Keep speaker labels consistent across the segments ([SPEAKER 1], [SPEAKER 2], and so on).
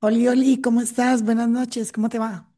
[SPEAKER 1] Oli, Oli, ¿cómo estás? Buenas noches, ¿cómo te va?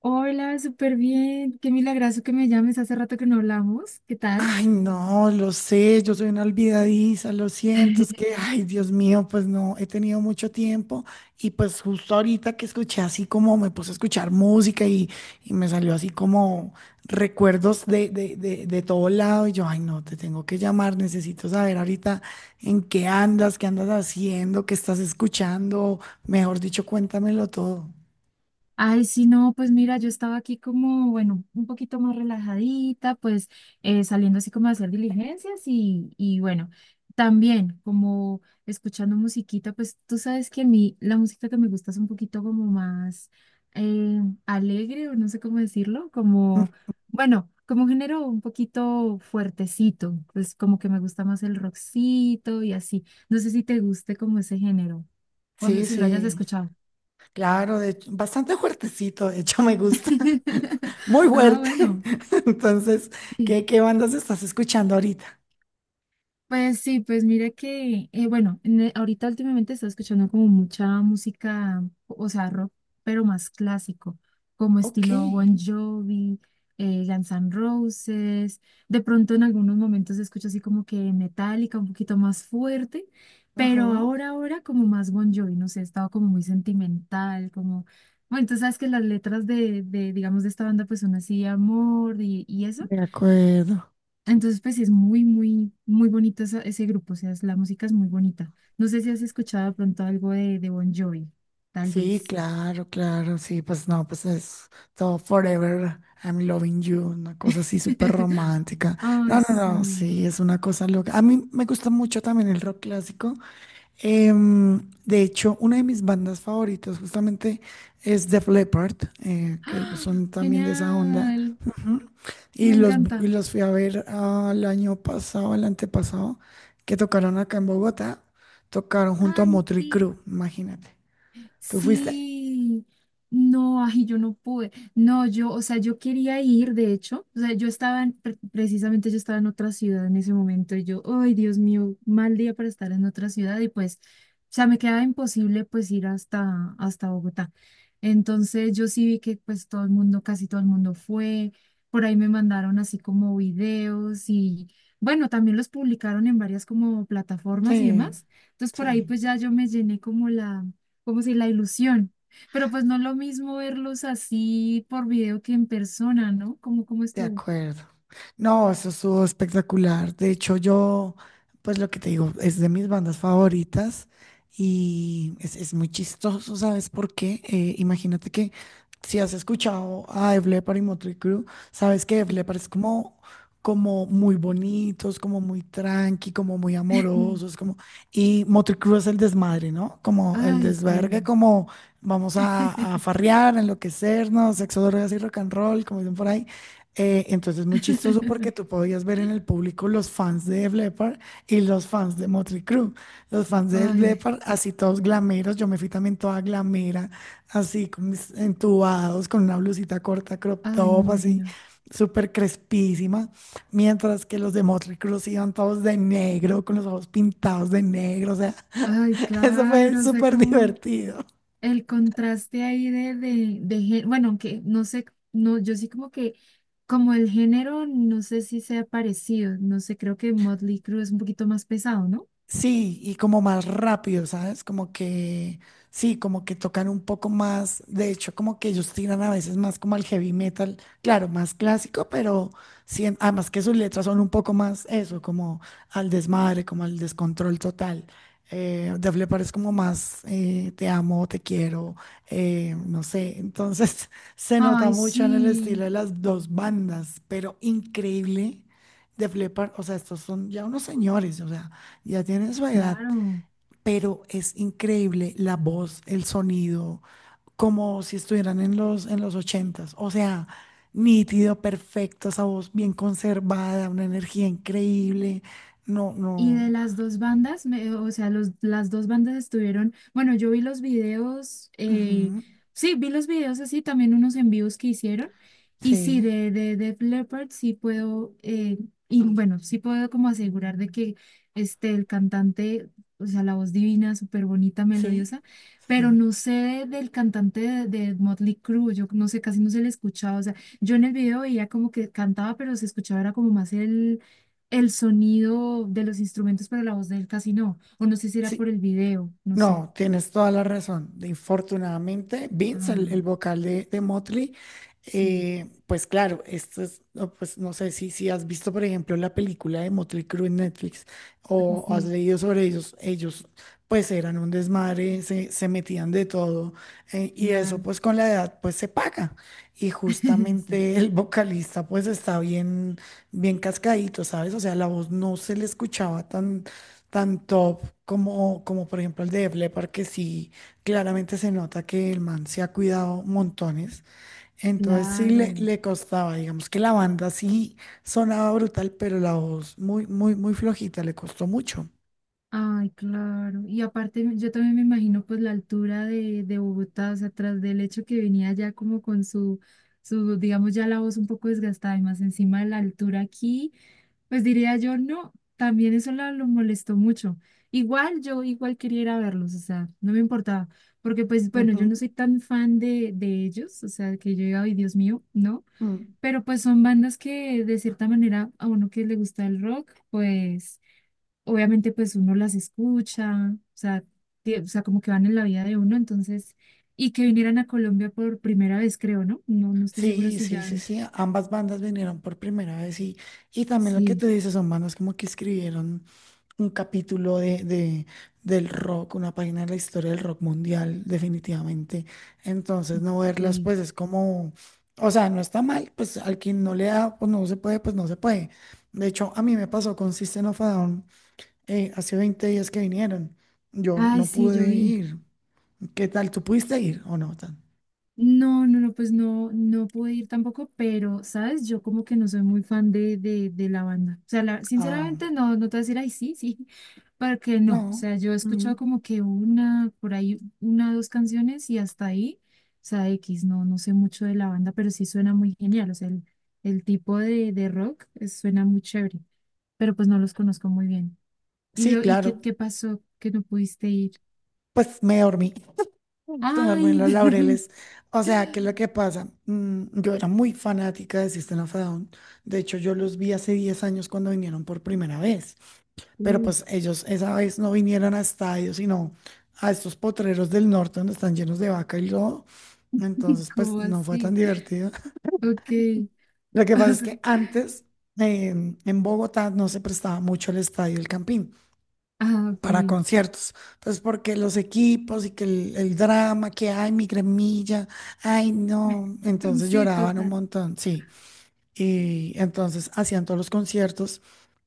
[SPEAKER 2] Hola, súper bien. Qué milagroso que me llames. Hace rato que no hablamos. ¿Qué tal?
[SPEAKER 1] Ay, no, lo sé, yo soy una olvidadiza, lo siento, es que, ay, Dios mío, pues no, he tenido mucho tiempo y pues justo ahorita que escuché, así como me puse a escuchar música, y me salió así como recuerdos de todo lado y yo, ay, no, te tengo que llamar, necesito saber ahorita en qué andas haciendo, qué estás escuchando, mejor dicho, cuéntamelo todo.
[SPEAKER 2] Ay, sí, no, pues mira, yo estaba aquí como, bueno, un poquito más relajadita, pues saliendo así como a hacer diligencias y bueno, también como escuchando musiquita, pues tú sabes que a mí la música que me gusta es un poquito como más alegre o no sé cómo decirlo, como, bueno, como un género un poquito fuertecito, pues como que me gusta más el rockcito y así. No sé si te guste como ese género o no,
[SPEAKER 1] Sí,
[SPEAKER 2] si lo hayas
[SPEAKER 1] sí.
[SPEAKER 2] escuchado.
[SPEAKER 1] Claro, de hecho, bastante fuertecito, de hecho me gusta, muy
[SPEAKER 2] Ah,
[SPEAKER 1] fuerte.
[SPEAKER 2] bueno.
[SPEAKER 1] Entonces,
[SPEAKER 2] Sí.
[SPEAKER 1] ¿qué bandas estás escuchando ahorita?
[SPEAKER 2] Pues sí, pues mira que, bueno, ahorita últimamente está escuchando como mucha música, o sea, rock, pero más clásico, como
[SPEAKER 1] Ok,
[SPEAKER 2] estilo Bon Jovi, Guns N' Roses. De pronto en algunos momentos escucho así como que metálica, un poquito más fuerte,
[SPEAKER 1] ajá,
[SPEAKER 2] pero ahora como más Bon Jovi, no sé, he estado como muy sentimental, como, bueno, tú sabes que las letras de digamos, de esta banda pues son así, amor y eso.
[SPEAKER 1] de acuerdo.
[SPEAKER 2] Entonces, pues sí es muy bonito ese grupo, o sea, la música es muy bonita. No sé si has escuchado de pronto algo de Bon Jovi, tal
[SPEAKER 1] Sí,
[SPEAKER 2] vez.
[SPEAKER 1] claro, claro, sí, pues no, pues es todo Forever, I'm Loving You, una cosa así súper romántica.
[SPEAKER 2] Ay,
[SPEAKER 1] No, no, no,
[SPEAKER 2] sí.
[SPEAKER 1] sí, es una cosa loca. A mí me gusta mucho también el rock clásico. De hecho, una de mis bandas favoritas justamente es Def Leppard, que ellos
[SPEAKER 2] ¡Ah!
[SPEAKER 1] son también de esa onda.
[SPEAKER 2] Genial,
[SPEAKER 1] Ujú. Y
[SPEAKER 2] me
[SPEAKER 1] los, y
[SPEAKER 2] encanta.
[SPEAKER 1] los fui a ver al año pasado, al antepasado, que tocaron acá en Bogotá. Tocaron junto a
[SPEAKER 2] Ay,
[SPEAKER 1] Motley
[SPEAKER 2] sí.
[SPEAKER 1] Crue, imagínate. ¿Tú fuiste?
[SPEAKER 2] Sí, no, ay, yo no pude. No, yo, o sea, yo quería ir, de hecho, o sea, yo estaba, en- pre- precisamente yo estaba en otra ciudad en ese momento y yo, ay, Dios mío, mal día para estar en otra ciudad y pues, o sea, me quedaba imposible pues ir hasta Bogotá. Entonces yo sí vi que pues todo el mundo, casi todo el mundo fue, por ahí me mandaron así como videos y bueno, también los publicaron en varias como plataformas y
[SPEAKER 1] Sí,
[SPEAKER 2] demás. Entonces por ahí
[SPEAKER 1] sí.
[SPEAKER 2] pues ya yo me llené como la como si la ilusión. Pero pues no es lo mismo verlos así por video que en persona, ¿no? ¿Cómo
[SPEAKER 1] De
[SPEAKER 2] estuvo?
[SPEAKER 1] acuerdo. No, eso estuvo espectacular. De hecho, yo, pues lo que te digo, es de mis bandas favoritas y es muy chistoso, ¿sabes por qué? Imagínate que, si has escuchado a Def Leppard y Motley Crue, sabes que Def Leppard es como, como muy bonitos, como muy tranqui, como muy amorosos, como... Y Motley Crue es el desmadre, ¿no? Como el
[SPEAKER 2] Ay,
[SPEAKER 1] desvergue,
[SPEAKER 2] sí.
[SPEAKER 1] como vamos a farrear, enloquecernos, sexo, drogas y rock and roll, como dicen por ahí. Entonces, muy chistoso porque tú podías ver en el público los fans de Def Leppard y los fans de Motley Crue. Los fans de Def
[SPEAKER 2] Ay,
[SPEAKER 1] Leppard, así todos glameros. Yo me fui también toda glamera, así con mis entubados, con una blusita corta, crop
[SPEAKER 2] ay, me
[SPEAKER 1] top, así
[SPEAKER 2] imagino.
[SPEAKER 1] súper crespísima. Mientras que los de Motley Crue sí iban todos de negro, con los ojos pintados de negro. O sea,
[SPEAKER 2] Ay,
[SPEAKER 1] eso fue
[SPEAKER 2] claro, o sea,
[SPEAKER 1] súper
[SPEAKER 2] como
[SPEAKER 1] divertido.
[SPEAKER 2] el contraste ahí bueno, aunque no sé, no, yo sí como que, como el género, no sé si sea parecido, no sé, creo que Motley Crue es un poquito más pesado, ¿no?
[SPEAKER 1] Sí, y como más rápido, ¿sabes? Como que, sí, como que tocan un poco más, de hecho, como que ellos tiran a veces más como al heavy metal, claro, más clásico, pero sí, además que sus letras son un poco más eso, como al desmadre, como al descontrol total. Def Leppard es como más, te amo, te quiero, no sé, entonces se nota
[SPEAKER 2] Ay,
[SPEAKER 1] mucho en el
[SPEAKER 2] sí,
[SPEAKER 1] estilo de las dos bandas, pero increíble. Def Leppard, o sea, estos son ya unos señores, o sea. Ya tiene su edad,
[SPEAKER 2] claro.
[SPEAKER 1] pero es increíble la voz, el sonido, como si estuvieran en los ochentas. O sea, nítido, perfecto, esa voz bien conservada, una energía increíble. No,
[SPEAKER 2] Y de
[SPEAKER 1] no.
[SPEAKER 2] las dos bandas, las dos bandas estuvieron, bueno, yo vi los videos,
[SPEAKER 1] Ujú.
[SPEAKER 2] sí, vi los videos así, también unos envíos que hicieron, y sí,
[SPEAKER 1] Sí,
[SPEAKER 2] de Def Leppard sí puedo, y bueno, sí puedo como asegurar de que este, el cantante, o sea, la voz divina, súper bonita,
[SPEAKER 1] sí,
[SPEAKER 2] melodiosa, pero
[SPEAKER 1] sí.
[SPEAKER 2] no sé del cantante de Motley Crue, yo no sé, casi no se le escuchaba, o sea, yo en el video veía como que cantaba, pero se escuchaba, era como más el sonido de los instrumentos, para la voz de él casi no. O no sé si era por
[SPEAKER 1] Sí.
[SPEAKER 2] el video, no sé.
[SPEAKER 1] No, tienes toda la razón. Infortunadamente, Vince, el
[SPEAKER 2] Ah,
[SPEAKER 1] vocal de Motley,
[SPEAKER 2] sí,
[SPEAKER 1] pues claro, esto es, no, pues no sé si, si has visto, por ejemplo, la película de Motley Crue en Netflix o has
[SPEAKER 2] sí,
[SPEAKER 1] leído sobre ellos. Ellos, pues eran un desmadre, se metían de todo, y eso,
[SPEAKER 2] claro.
[SPEAKER 1] pues con la edad, pues se paga. Y
[SPEAKER 2] Sí,
[SPEAKER 1] justamente el vocalista, pues está bien, bien cascadito, ¿sabes? O sea, la voz no se le escuchaba tan tan top como, como por ejemplo el de Def Leppard, que sí, claramente se nota que el man se ha cuidado montones. Entonces sí le,
[SPEAKER 2] claro.
[SPEAKER 1] le costaba, digamos que la banda sí sonaba brutal, pero la voz muy, muy, muy flojita, le costó mucho.
[SPEAKER 2] Ay, claro. Y aparte, yo también me imagino pues la altura de Bogotá, o sea, tras del hecho que venía ya como con su, su, digamos, ya la voz un poco desgastada y más encima de la altura aquí. Pues diría yo, no, también eso lo molestó mucho. Igual yo igual quería ir a verlos, o sea, no me importaba, porque pues bueno, yo
[SPEAKER 1] Ujú.
[SPEAKER 2] no soy tan fan de ellos, o sea, que yo diga, ay, Dios mío, no,
[SPEAKER 1] Mm.
[SPEAKER 2] pero pues son bandas que de cierta manera a uno que le gusta el rock, pues obviamente pues uno las escucha, o sea, como que van en la vida de uno, entonces, y que vinieran a Colombia por primera vez, creo, ¿no? No, no estoy seguro
[SPEAKER 1] Sí,
[SPEAKER 2] si
[SPEAKER 1] sí,
[SPEAKER 2] ya,
[SPEAKER 1] sí, sí. Ambas bandas vinieron por primera vez y también lo que
[SPEAKER 2] sí,
[SPEAKER 1] tú dices son bandas como que escribieron un capítulo del rock, una página de la historia del rock mundial, definitivamente. Entonces, no verlas,
[SPEAKER 2] sí.
[SPEAKER 1] pues es como, o sea, no está mal, pues al quien no le da, pues no se puede, pues no se puede. De hecho, a mí me pasó con System of a Down, hace 20 días que vinieron. Yo
[SPEAKER 2] Ay,
[SPEAKER 1] no
[SPEAKER 2] sí, yo
[SPEAKER 1] pude
[SPEAKER 2] vi.
[SPEAKER 1] ir. ¿Qué tal? ¿Tú pudiste ir o no? Tan...
[SPEAKER 2] No, pues no, no pude ir tampoco, pero, ¿sabes? Yo como que no soy muy fan de la banda. O sea,
[SPEAKER 1] Ah,
[SPEAKER 2] sinceramente no, no te voy a decir, ay, sí, sí, para porque no. O sea, yo he escuchado
[SPEAKER 1] no.
[SPEAKER 2] como que una, por ahí, una, dos canciones y hasta ahí, o sea, X, no, no sé mucho de la banda, pero sí suena muy genial. O sea, el tipo de rock suena muy chévere, pero pues no los conozco muy bien. ¿Y,
[SPEAKER 1] Sí,
[SPEAKER 2] lo, y qué,
[SPEAKER 1] claro.
[SPEAKER 2] qué pasó que no pudiste ir?
[SPEAKER 1] Pues me dormí en
[SPEAKER 2] Ay,
[SPEAKER 1] los laureles. O sea, ¿qué es lo que pasa? Mm, yo era muy fanática de System of a Down. De hecho, yo los vi hace 10 años cuando vinieron por primera vez. Pero
[SPEAKER 2] uh,
[SPEAKER 1] pues ellos esa vez no vinieron a estadios, sino a estos potreros del norte donde están llenos de vaca y lodo. Entonces, pues
[SPEAKER 2] ¿cómo
[SPEAKER 1] no fue tan
[SPEAKER 2] así?
[SPEAKER 1] divertido.
[SPEAKER 2] Ok.
[SPEAKER 1] Lo que
[SPEAKER 2] O
[SPEAKER 1] pasa es
[SPEAKER 2] sea,
[SPEAKER 1] que antes, eh, en Bogotá, no se prestaba mucho el estadio El Campín
[SPEAKER 2] ah, ok.
[SPEAKER 1] para conciertos. Entonces, porque los equipos y que el drama que hay, mi gremilla, ay, no. Entonces
[SPEAKER 2] Sí,
[SPEAKER 1] lloraban un
[SPEAKER 2] total.
[SPEAKER 1] montón, sí. Y entonces hacían todos los conciertos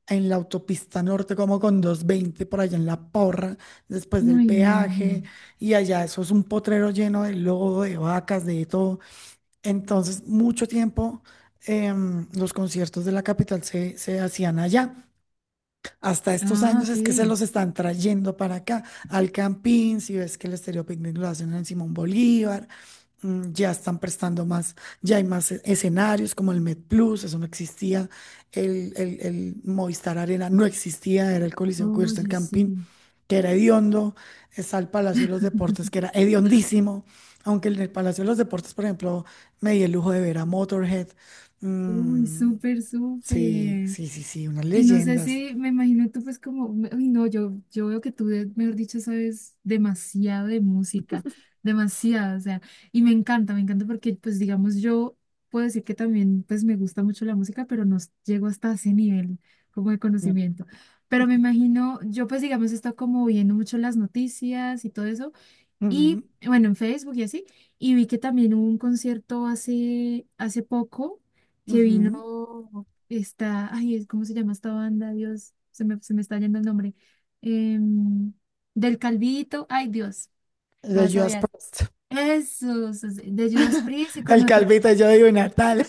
[SPEAKER 1] en la autopista norte, como con 220 por allá en La Porra, después del
[SPEAKER 2] Uy, me
[SPEAKER 1] peaje,
[SPEAKER 2] imagino.
[SPEAKER 1] y allá eso es un potrero lleno de lodo, de vacas, de todo. Entonces, mucho tiempo los conciertos de la capital se, se hacían allá. Hasta estos
[SPEAKER 2] Ah,
[SPEAKER 1] años
[SPEAKER 2] ok.
[SPEAKER 1] es que se los están trayendo para acá, al Campín, si ves que el Estéreo Picnic lo hacen en Simón Bolívar, mm, ya están prestando más, ya hay más escenarios como el Med Plus, eso no existía, el Movistar Arena no existía, era el Coliseo Cubierto del
[SPEAKER 2] Oye,
[SPEAKER 1] Campín,
[SPEAKER 2] sí.
[SPEAKER 1] que era hediondo, está el Palacio de los Deportes, que era hediondísimo, aunque en el Palacio de los Deportes, por ejemplo, me di el lujo de ver a Motorhead,
[SPEAKER 2] Uy,
[SPEAKER 1] mm,
[SPEAKER 2] súper,
[SPEAKER 1] sí,
[SPEAKER 2] súper.
[SPEAKER 1] sí, sí, sí, unas
[SPEAKER 2] Y no sé
[SPEAKER 1] leyendas.
[SPEAKER 2] si, me imagino tú pues como, uy, no, yo veo que tú, mejor dicho, sabes demasiado de música, demasiado, o sea, y me encanta porque pues digamos yo puedo decir que también pues me gusta mucho la música, pero no llego hasta ese nivel como de conocimiento. Pero me imagino, yo pues digamos he estado como viendo mucho las noticias y todo eso.
[SPEAKER 1] Ujú,
[SPEAKER 2] Y bueno, en Facebook y así. Y vi que también hubo un concierto hace poco.
[SPEAKER 1] ujú.
[SPEAKER 2] No, está, ay, ¿cómo se llama esta banda? Dios, se me está yendo el nombre. Em, del Calvito, ay, Dios, me
[SPEAKER 1] The
[SPEAKER 2] vas a
[SPEAKER 1] Just
[SPEAKER 2] odiar.
[SPEAKER 1] Post.
[SPEAKER 2] Eso, sí, sí, de Judas Priest y con
[SPEAKER 1] El
[SPEAKER 2] otra,
[SPEAKER 1] calvito, de yo digo, Natal.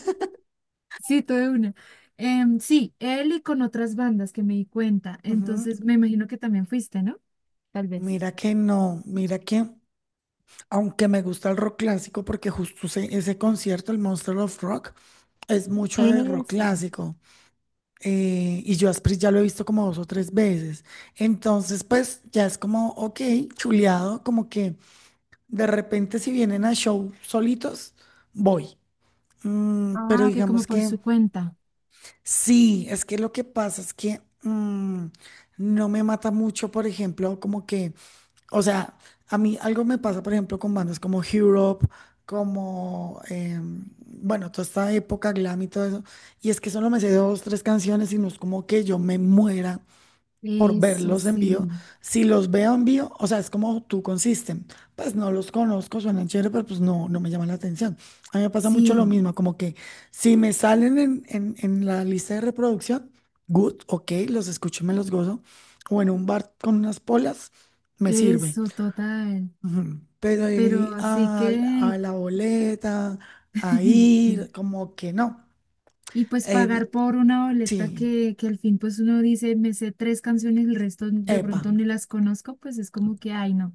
[SPEAKER 2] sí, todo de una. Sí, él y con otras bandas que me di cuenta.
[SPEAKER 1] Ujú.
[SPEAKER 2] Entonces, me imagino que también fuiste, ¿no? Tal vez.
[SPEAKER 1] Mira que no, mira que, aunque me gusta el rock clásico, porque justo ese, ese concierto, el Monster of Rock, es mucho de rock
[SPEAKER 2] Eso.
[SPEAKER 1] clásico. Y yo a Asprey ya lo he visto como dos o tres veces. Entonces, pues ya es como, ok, chuleado, como que de repente si vienen a show solitos, voy. Mm, pero
[SPEAKER 2] Ah, ok, como
[SPEAKER 1] digamos
[SPEAKER 2] por
[SPEAKER 1] que.
[SPEAKER 2] su cuenta.
[SPEAKER 1] Sí, es que lo que pasa es que mm, no me mata mucho, por ejemplo, como que, o sea, a mí algo me pasa, por ejemplo, con bandas como Europe, como, bueno, toda esta época glam y todo eso, y es que solo me sé dos, tres canciones y no es como que yo me muera por
[SPEAKER 2] Eso
[SPEAKER 1] verlos en vivo.
[SPEAKER 2] sí.
[SPEAKER 1] Si los veo en vivo, o sea, es como tú consisten. Pues no los conozco, suenan chévere, pero pues no, no me llaman la atención. A mí me pasa mucho lo
[SPEAKER 2] Sí,
[SPEAKER 1] mismo, como que si me salen en la lista de reproducción, good, ok, los escucho y me los gozo. O en un bar con unas polas, me sirve.
[SPEAKER 2] eso, total.
[SPEAKER 1] Ujú. Pero ir
[SPEAKER 2] Pero así que...
[SPEAKER 1] a la boleta, a
[SPEAKER 2] sí.
[SPEAKER 1] ir, como que no.
[SPEAKER 2] Y pues pagar
[SPEAKER 1] Eh,
[SPEAKER 2] por una boleta
[SPEAKER 1] sí,
[SPEAKER 2] que al fin pues uno dice, me sé tres canciones, el resto de
[SPEAKER 1] epa,
[SPEAKER 2] pronto ni las conozco, pues es como que, ay, no.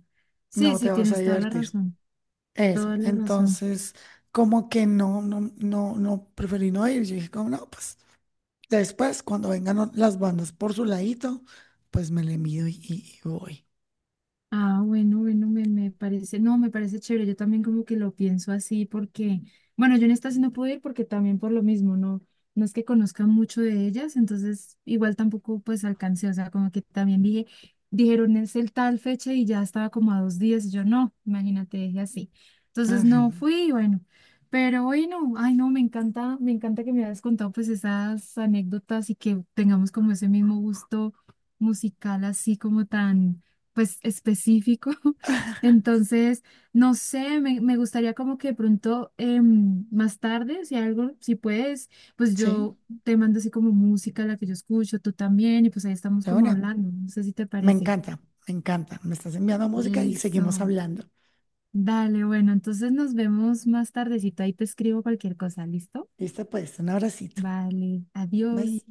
[SPEAKER 2] Sí,
[SPEAKER 1] no te
[SPEAKER 2] sí,
[SPEAKER 1] vas a
[SPEAKER 2] tienes toda la
[SPEAKER 1] divertir.
[SPEAKER 2] razón,
[SPEAKER 1] Eso,
[SPEAKER 2] toda la razón.
[SPEAKER 1] entonces como que no, preferí no ir. Yo dije como no, pues después cuando vengan las bandas por su ladito, pues me le mido y voy.
[SPEAKER 2] Ah, bueno, me parece, no, me parece chévere, yo también como que lo pienso así porque, bueno, yo en esta sí no puedo ir porque también por lo mismo, no, no es que conozca mucho de ellas, entonces igual tampoco pues alcancé, o sea, como que también dije, dijeron es el tal fecha y ya estaba como a 2 días, y yo no, imagínate, dije así, entonces
[SPEAKER 1] Ay,
[SPEAKER 2] no
[SPEAKER 1] no.
[SPEAKER 2] fui, y bueno, pero bueno, ay no, me encanta que me hayas contado pues esas anécdotas y que tengamos como ese mismo gusto musical así como tan pues específico. Entonces, no sé, me gustaría como que de pronto más tarde, si algo, si puedes, pues
[SPEAKER 1] Sí,
[SPEAKER 2] yo te mando así como música, la que yo escucho, tú también, y pues ahí estamos
[SPEAKER 1] de
[SPEAKER 2] como
[SPEAKER 1] una.
[SPEAKER 2] hablando. No sé si te
[SPEAKER 1] Me
[SPEAKER 2] parece.
[SPEAKER 1] encanta, me encanta. Me estás enviando música y seguimos
[SPEAKER 2] Eso.
[SPEAKER 1] hablando.
[SPEAKER 2] Dale, bueno, entonces nos vemos más tardecito. Ahí te escribo cualquier cosa, ¿listo?
[SPEAKER 1] Listo, pues, un abracito.
[SPEAKER 2] Vale,
[SPEAKER 1] Bye.
[SPEAKER 2] adiós.